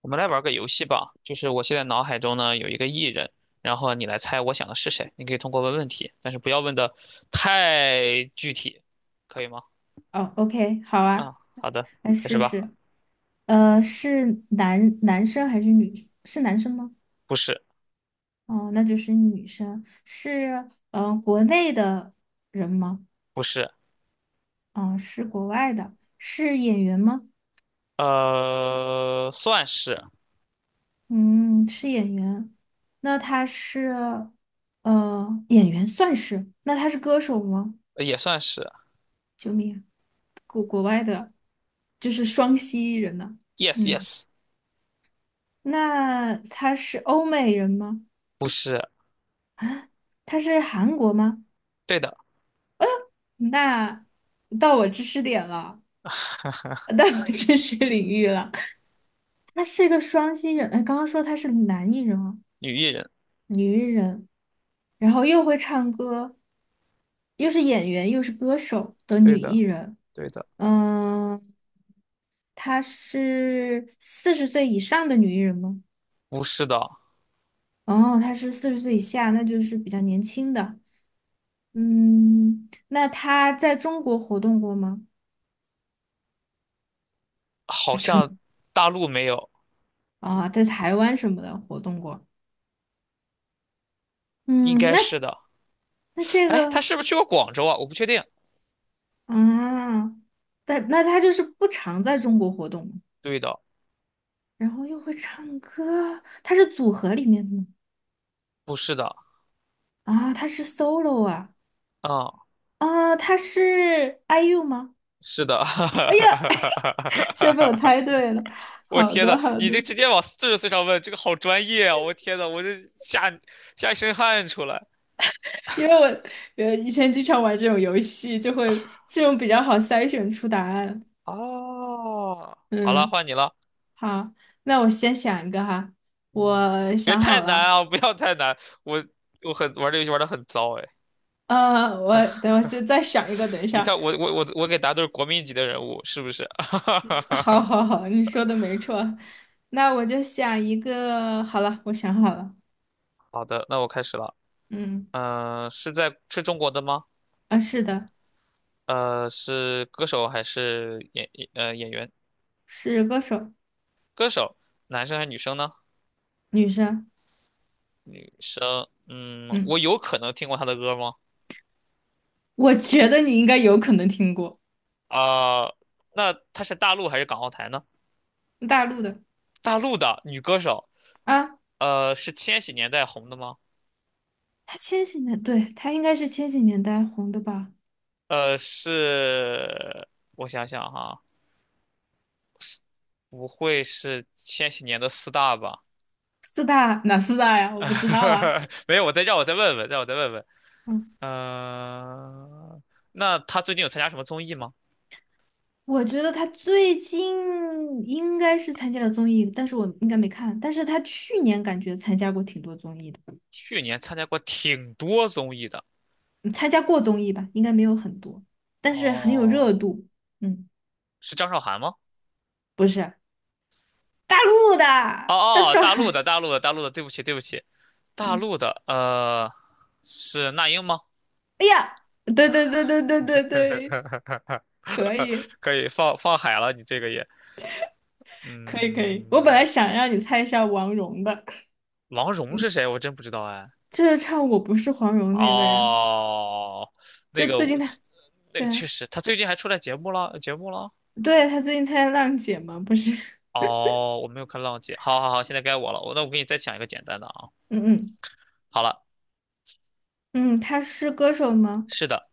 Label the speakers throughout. Speaker 1: 我们来玩个游戏吧，就是我现在脑海中呢有一个艺人，然后你来猜我想的是谁。你可以通过问问题，但是不要问的太具体，可以吗？
Speaker 2: 哦，OK，好啊，
Speaker 1: 啊，好的，
Speaker 2: 来
Speaker 1: 开始
Speaker 2: 试
Speaker 1: 吧。
Speaker 2: 试。是男生还是女？是男生吗？
Speaker 1: 不是，
Speaker 2: 哦，那就是女生。是国内的人吗？
Speaker 1: 不是，
Speaker 2: 哦，是国外的。是演员吗？
Speaker 1: 算是，
Speaker 2: 嗯，是演员。那他是呃，演员算是。那他是歌手吗？
Speaker 1: 也算是
Speaker 2: 救命啊，就是双栖人呢、
Speaker 1: ，yes
Speaker 2: 嗯，
Speaker 1: yes，
Speaker 2: 那他是欧美人吗？
Speaker 1: 不是，
Speaker 2: 他是韩国吗？
Speaker 1: 对的，
Speaker 2: 那到我知识点了，到我知识领域了。他是一个双新人，哎，刚刚说他是男艺人啊，
Speaker 1: 女艺人，
Speaker 2: 女艺人，然后又会唱歌，又是演员又是歌手的女
Speaker 1: 对的，
Speaker 2: 艺人。
Speaker 1: 对的，
Speaker 2: 嗯，她是四十岁以上的女艺人吗？
Speaker 1: 不是的，
Speaker 2: 哦，她是四十岁以下，那就是比较年轻的。嗯，那她在中国活动过吗？
Speaker 1: 好
Speaker 2: 啊，真的
Speaker 1: 像大陆没有，
Speaker 2: 啊，在台湾什么的活动过。
Speaker 1: 应
Speaker 2: 嗯，
Speaker 1: 该
Speaker 2: 那
Speaker 1: 是的。
Speaker 2: 那这
Speaker 1: 哎，她
Speaker 2: 个
Speaker 1: 是不是去过广州啊？我不确定。
Speaker 2: 啊，但那他就是不常在中国活动，
Speaker 1: 对的，
Speaker 2: 然后又会唱歌，他是组合里面的吗？
Speaker 1: 不是的，
Speaker 2: 啊，他是 solo 啊，
Speaker 1: 啊、
Speaker 2: 他是 IU 吗？
Speaker 1: 是的，
Speaker 2: 哎呀，居然被我 猜对了。
Speaker 1: 我
Speaker 2: 好
Speaker 1: 天
Speaker 2: 的，
Speaker 1: 呐，
Speaker 2: 好
Speaker 1: 你
Speaker 2: 的，
Speaker 1: 这直接往40岁上问，这个好专业啊！我天呐，我这吓一身汗出来。
Speaker 2: 因为我以前经常玩这种游戏，就会这种比较好筛选出答案。
Speaker 1: 哦，好了，
Speaker 2: 嗯，
Speaker 1: 换你了，
Speaker 2: 好，那我先想一个哈，
Speaker 1: 嗯，
Speaker 2: 我
Speaker 1: 别
Speaker 2: 想
Speaker 1: 太
Speaker 2: 好
Speaker 1: 难
Speaker 2: 了，
Speaker 1: 啊，不要太难。我我很玩这游戏玩的很糟哎，
Speaker 2: 我先再想一个，等一
Speaker 1: 你
Speaker 2: 下。
Speaker 1: 看我给答都是国民级的人物，是不是？
Speaker 2: 好好好，你说的没错。那我就想一个，好了，我想好了。
Speaker 1: 好的，那我开始了。
Speaker 2: 嗯，
Speaker 1: 是在是中国的吗？
Speaker 2: 啊，是的，
Speaker 1: 是歌手还是演员？
Speaker 2: 是歌手，
Speaker 1: 歌手，男生还是女生呢？
Speaker 2: 女生。
Speaker 1: 生，我
Speaker 2: 嗯，
Speaker 1: 有可能听过她的歌吗？
Speaker 2: 我觉得你应该有可能听过。
Speaker 1: 啊、那她是大陆还是港澳台呢？
Speaker 2: 大陆的
Speaker 1: 大陆的女歌手，
Speaker 2: 啊，
Speaker 1: 是千禧年代红的吗？
Speaker 2: 她千禧年，对，她应该是千禧年代红的吧？
Speaker 1: 是，我想想哈，不会是千禧年的四大吧？
Speaker 2: 四大哪四大呀？我不知道啊。
Speaker 1: 没有，让我再问问，让我再问问。
Speaker 2: 嗯，
Speaker 1: 嗯、那她最近有参加什么综艺吗？
Speaker 2: 我觉得她最近应该是参加了综艺，但是我应该没看。但是她去年感觉参加过挺多综艺的。
Speaker 1: 去年参加过挺多综艺的。
Speaker 2: 嗯，参加过综艺吧，应该没有很多，但是很有热
Speaker 1: 哦，
Speaker 2: 度。嗯，
Speaker 1: 是张韶涵吗？
Speaker 2: 不是。大陆
Speaker 1: 哦
Speaker 2: 的郑
Speaker 1: 哦，
Speaker 2: 韶
Speaker 1: 大陆的，
Speaker 2: 涵。
Speaker 1: 大陆的，大陆的，对不起，对不起，大
Speaker 2: 嗯，
Speaker 1: 陆的，是那英吗？
Speaker 2: 哎呀，对对对对对对对，可以
Speaker 1: 可以放放海了，你这个也，
Speaker 2: 可以可以。我本来
Speaker 1: 嗯，
Speaker 2: 想让你猜一下王蓉的，
Speaker 1: 王蓉是谁？我真不知道哎。
Speaker 2: 就是唱《我不是黄蓉》那个呀，
Speaker 1: 哦，
Speaker 2: 就最
Speaker 1: 我
Speaker 2: 近她，对啊，
Speaker 1: 确实，他最近还出来节目了，节目了。
Speaker 2: 对，她最近参加浪姐嘛，不是？
Speaker 1: 哦，我没有看浪姐。好好好，现在该我了。那我给你再讲一个简单的啊。
Speaker 2: 嗯
Speaker 1: 好了，
Speaker 2: 嗯嗯，她是歌手吗？
Speaker 1: 是的，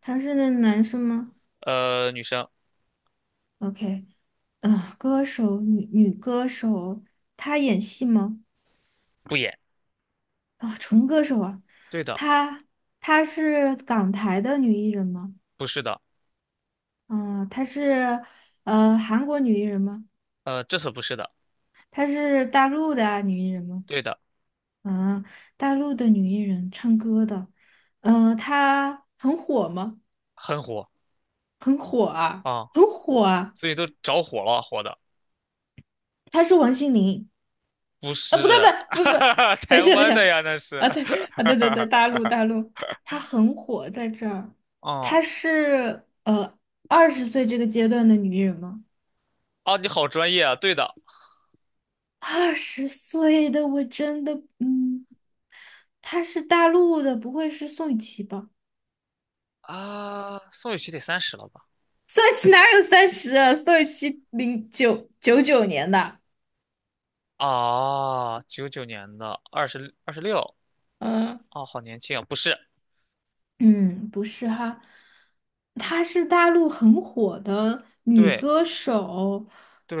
Speaker 2: 她是那男生吗
Speaker 1: 女生
Speaker 2: ？OK，嗯，歌手，女歌手，她演戏吗？
Speaker 1: 不演，
Speaker 2: 啊、纯歌手啊，
Speaker 1: 对的，
Speaker 2: 她她是港台的女艺人吗？
Speaker 1: 不是的，
Speaker 2: 啊、她是韩国女艺人吗？
Speaker 1: 这次不是的，
Speaker 2: 她是大陆的啊女艺人吗？
Speaker 1: 对的，
Speaker 2: 啊、大陆的女艺人唱歌的，她很火吗？
Speaker 1: 很火
Speaker 2: 很火啊，
Speaker 1: 啊，
Speaker 2: 很火啊！
Speaker 1: 所以都着火了，火的。
Speaker 2: 她是王心凌。
Speaker 1: 不
Speaker 2: 啊？不对不
Speaker 1: 是，
Speaker 2: 对不不，等一
Speaker 1: 台
Speaker 2: 下等一
Speaker 1: 湾的
Speaker 2: 下，
Speaker 1: 呀，那是。
Speaker 2: 啊对啊对对对，大 陆大陆，她很火在这儿。她
Speaker 1: 哦
Speaker 2: 是二十岁这个阶段的女艺人吗？
Speaker 1: 哦，你好专业啊！对的
Speaker 2: 二十岁的我真的，嗯，她是大陆的，不会是宋雨琦吧？
Speaker 1: 啊，宋雨琦得30了吧？
Speaker 2: 宋雨琦哪有30啊？宋雨琦零九九九年的。
Speaker 1: 啊，99年的，二十六，
Speaker 2: 嗯
Speaker 1: 哦，好年轻啊！不是，
Speaker 2: 嗯，不是哈，她是大陆很火的女
Speaker 1: 对
Speaker 2: 歌手。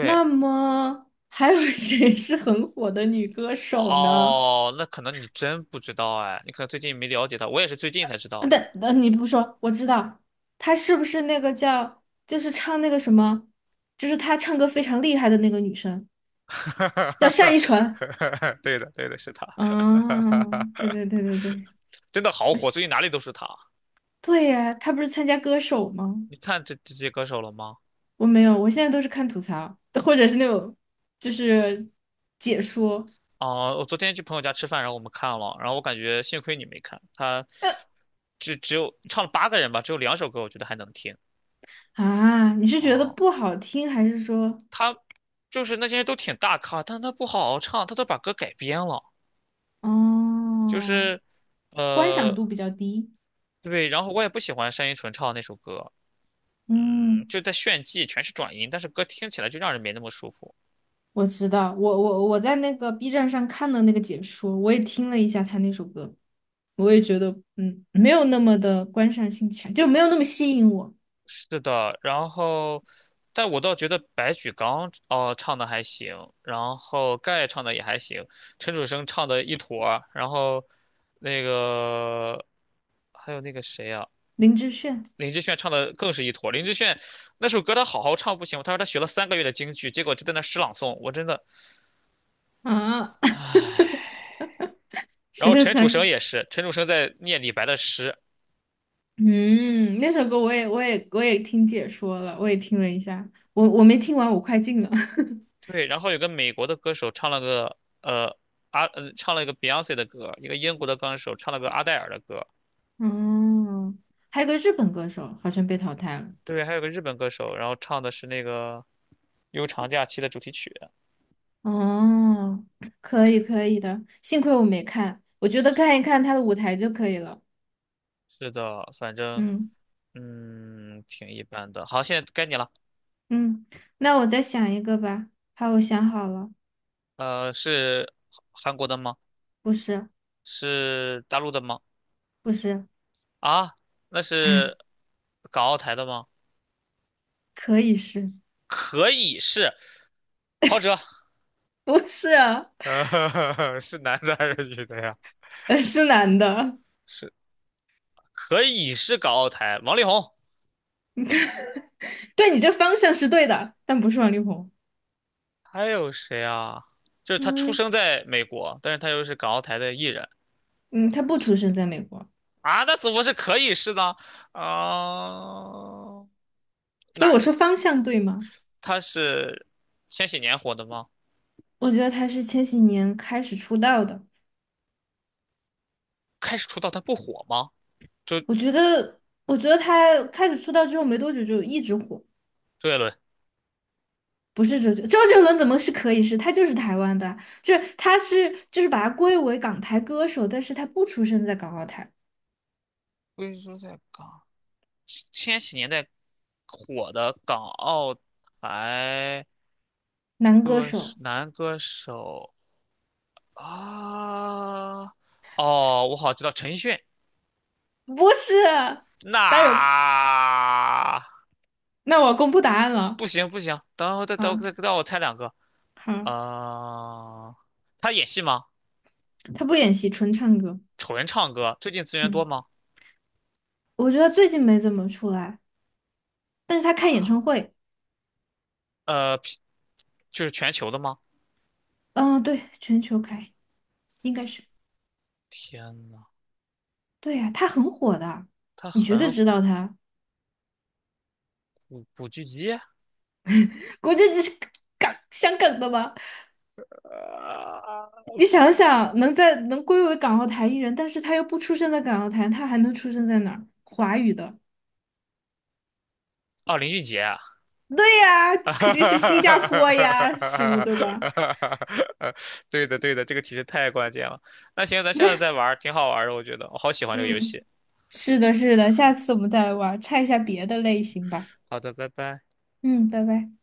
Speaker 2: 那么还有 谁是很火的女歌手呢？
Speaker 1: 哦，那可能你真不知道哎，你可能最近没了解他，我也是最近才知道
Speaker 2: 啊，等，
Speaker 1: 的。
Speaker 2: 你不说，我知道，她是不是那个叫，就是唱那个什么，就是她唱歌非常厉害的那个女生？叫单依纯。
Speaker 1: 对的，对的，是他，
Speaker 2: 啊，对对对对对，
Speaker 1: 真的好
Speaker 2: 而
Speaker 1: 火，
Speaker 2: 且
Speaker 1: 最近哪里都是他。
Speaker 2: 对呀，他不是参加歌手吗？
Speaker 1: 你看这些歌手了吗？
Speaker 2: 我没有，我现在都是看吐槽，或者是那种就是解说。
Speaker 1: 啊，我昨天去朋友家吃饭，然后我们看了，然后我感觉幸亏你没看，他只有唱了八个人吧，只有两首歌我觉得还能听。
Speaker 2: 啊，你是觉得
Speaker 1: 哦、
Speaker 2: 不好听，还是说
Speaker 1: 他就是那些人都挺大咖，但是他不好好唱，他都把歌改编了，就
Speaker 2: 哦
Speaker 1: 是，
Speaker 2: 观赏
Speaker 1: 呃，
Speaker 2: 度比较低？
Speaker 1: 对，然后我也不喜欢单依纯唱的那首歌，
Speaker 2: 嗯，
Speaker 1: 就在炫技，全是转音，但是歌听起来就让人没那么舒服。
Speaker 2: 我知道，我在那个 B 站上看的那个解说，我也听了一下他那首歌，我也觉得没有那么的观赏性强，就没有那么吸引我。
Speaker 1: 是的，然后，但我倒觉得白举纲唱的还行，然后盖唱的也还行，陈楚生唱的一坨儿然后那个还有那个谁啊，
Speaker 2: 林志炫。
Speaker 1: 林志炫唱的更是一坨儿。林志炫那首歌他好好唱不行吗，他说他学了3个月的京剧，结果就在那诗朗诵，我真的
Speaker 2: 啊，
Speaker 1: 唉。然
Speaker 2: 十
Speaker 1: 后
Speaker 2: 哈，
Speaker 1: 陈楚
Speaker 2: 三个，
Speaker 1: 生也是，陈楚生在念李白的诗，
Speaker 2: 嗯，那首歌我也听解说了，我也听了一下，我没听完，我快进了。
Speaker 1: 对，然后有个美国的歌手呃。唱了一个 Beyonce 的歌，一个英国的歌手唱了个阿黛尔的歌，
Speaker 2: 哦，还有个日本歌手好像被淘汰了。
Speaker 1: 对，还有个日本歌手，然后唱的是那个《悠长假期》的主题曲。
Speaker 2: 哦，可以可以的，幸亏我没看，我觉得看一看他的舞台就可以了。
Speaker 1: 是的，反正
Speaker 2: 嗯
Speaker 1: 挺一般的。好，现在该你了。
Speaker 2: 嗯，那我再想一个吧。好，我想好了。
Speaker 1: 是韩国的吗？
Speaker 2: 不是。
Speaker 1: 是大陆的吗？
Speaker 2: 不是。
Speaker 1: 啊，那是港澳台的吗？
Speaker 2: 可以是。
Speaker 1: 可以是陶喆
Speaker 2: 不是啊。
Speaker 1: 呃，是男的还是女的呀？
Speaker 2: 是男的。
Speaker 1: 是可以是港澳台，王力宏，
Speaker 2: 对，你这方向是对的，但不是王力宏。
Speaker 1: 还有谁啊？就是他出
Speaker 2: 嗯
Speaker 1: 生在美国，但是他又是港澳台的艺人。
Speaker 2: 嗯，他不出生在美国，
Speaker 1: 啊，那怎么是可以是呢？啊、
Speaker 2: 所以
Speaker 1: 哪
Speaker 2: 我说方向对吗？
Speaker 1: 他是千禧年火的吗？
Speaker 2: 我觉得他是千禧年开始出道的。
Speaker 1: 开始出道他不火吗？周
Speaker 2: 我觉得他开始出道之后没多久就一直火。
Speaker 1: 周杰伦，
Speaker 2: 不是，周杰伦怎么是可以是？他就是台湾的啊，就是他是就是把他归为港台歌手，但是他不出生在港澳台。
Speaker 1: 龟说在港千禧年代火的港澳台
Speaker 2: 男歌
Speaker 1: 歌
Speaker 2: 手。
Speaker 1: 手男歌手啊，哦，我好像知道陈奕迅，
Speaker 2: 不是。
Speaker 1: 那
Speaker 2: 当然，那我公布答案了。
Speaker 1: 不行不行，等会再等
Speaker 2: 啊，
Speaker 1: 再等我猜两个，
Speaker 2: 好，
Speaker 1: 啊、他演戏吗？
Speaker 2: 他不演戏，纯唱歌。
Speaker 1: 纯唱歌，最近资源多
Speaker 2: 嗯。
Speaker 1: 吗？
Speaker 2: 我觉得最近没怎么出来，但是他开演
Speaker 1: 啊，
Speaker 2: 唱会。
Speaker 1: 呃，就是全球的吗？
Speaker 2: 嗯，对，全球开，应该是。
Speaker 1: 天呐，
Speaker 2: 对呀、他很火的，
Speaker 1: 他
Speaker 2: 你绝对
Speaker 1: 很
Speaker 2: 知道他。
Speaker 1: 古巨基。
Speaker 2: 国际级是香港的吗？
Speaker 1: 呃，
Speaker 2: 你想想，能归为港澳台艺人，但是他又不出生在港澳台，他还能出生在哪儿？华语的，
Speaker 1: 哦，林俊杰，
Speaker 2: 对呀、
Speaker 1: 哈
Speaker 2: 肯定是新加
Speaker 1: 哈
Speaker 2: 坡呀，什么对吧？
Speaker 1: 哈，对的对的，这个提示太关键了。那行，咱下次再玩儿，挺好玩儿的，我觉得我好喜欢这个游戏。
Speaker 2: 嗯，是的，是的，下次我们再来玩儿，猜一下别的类型吧。
Speaker 1: 好的，拜拜。
Speaker 2: 嗯，拜拜。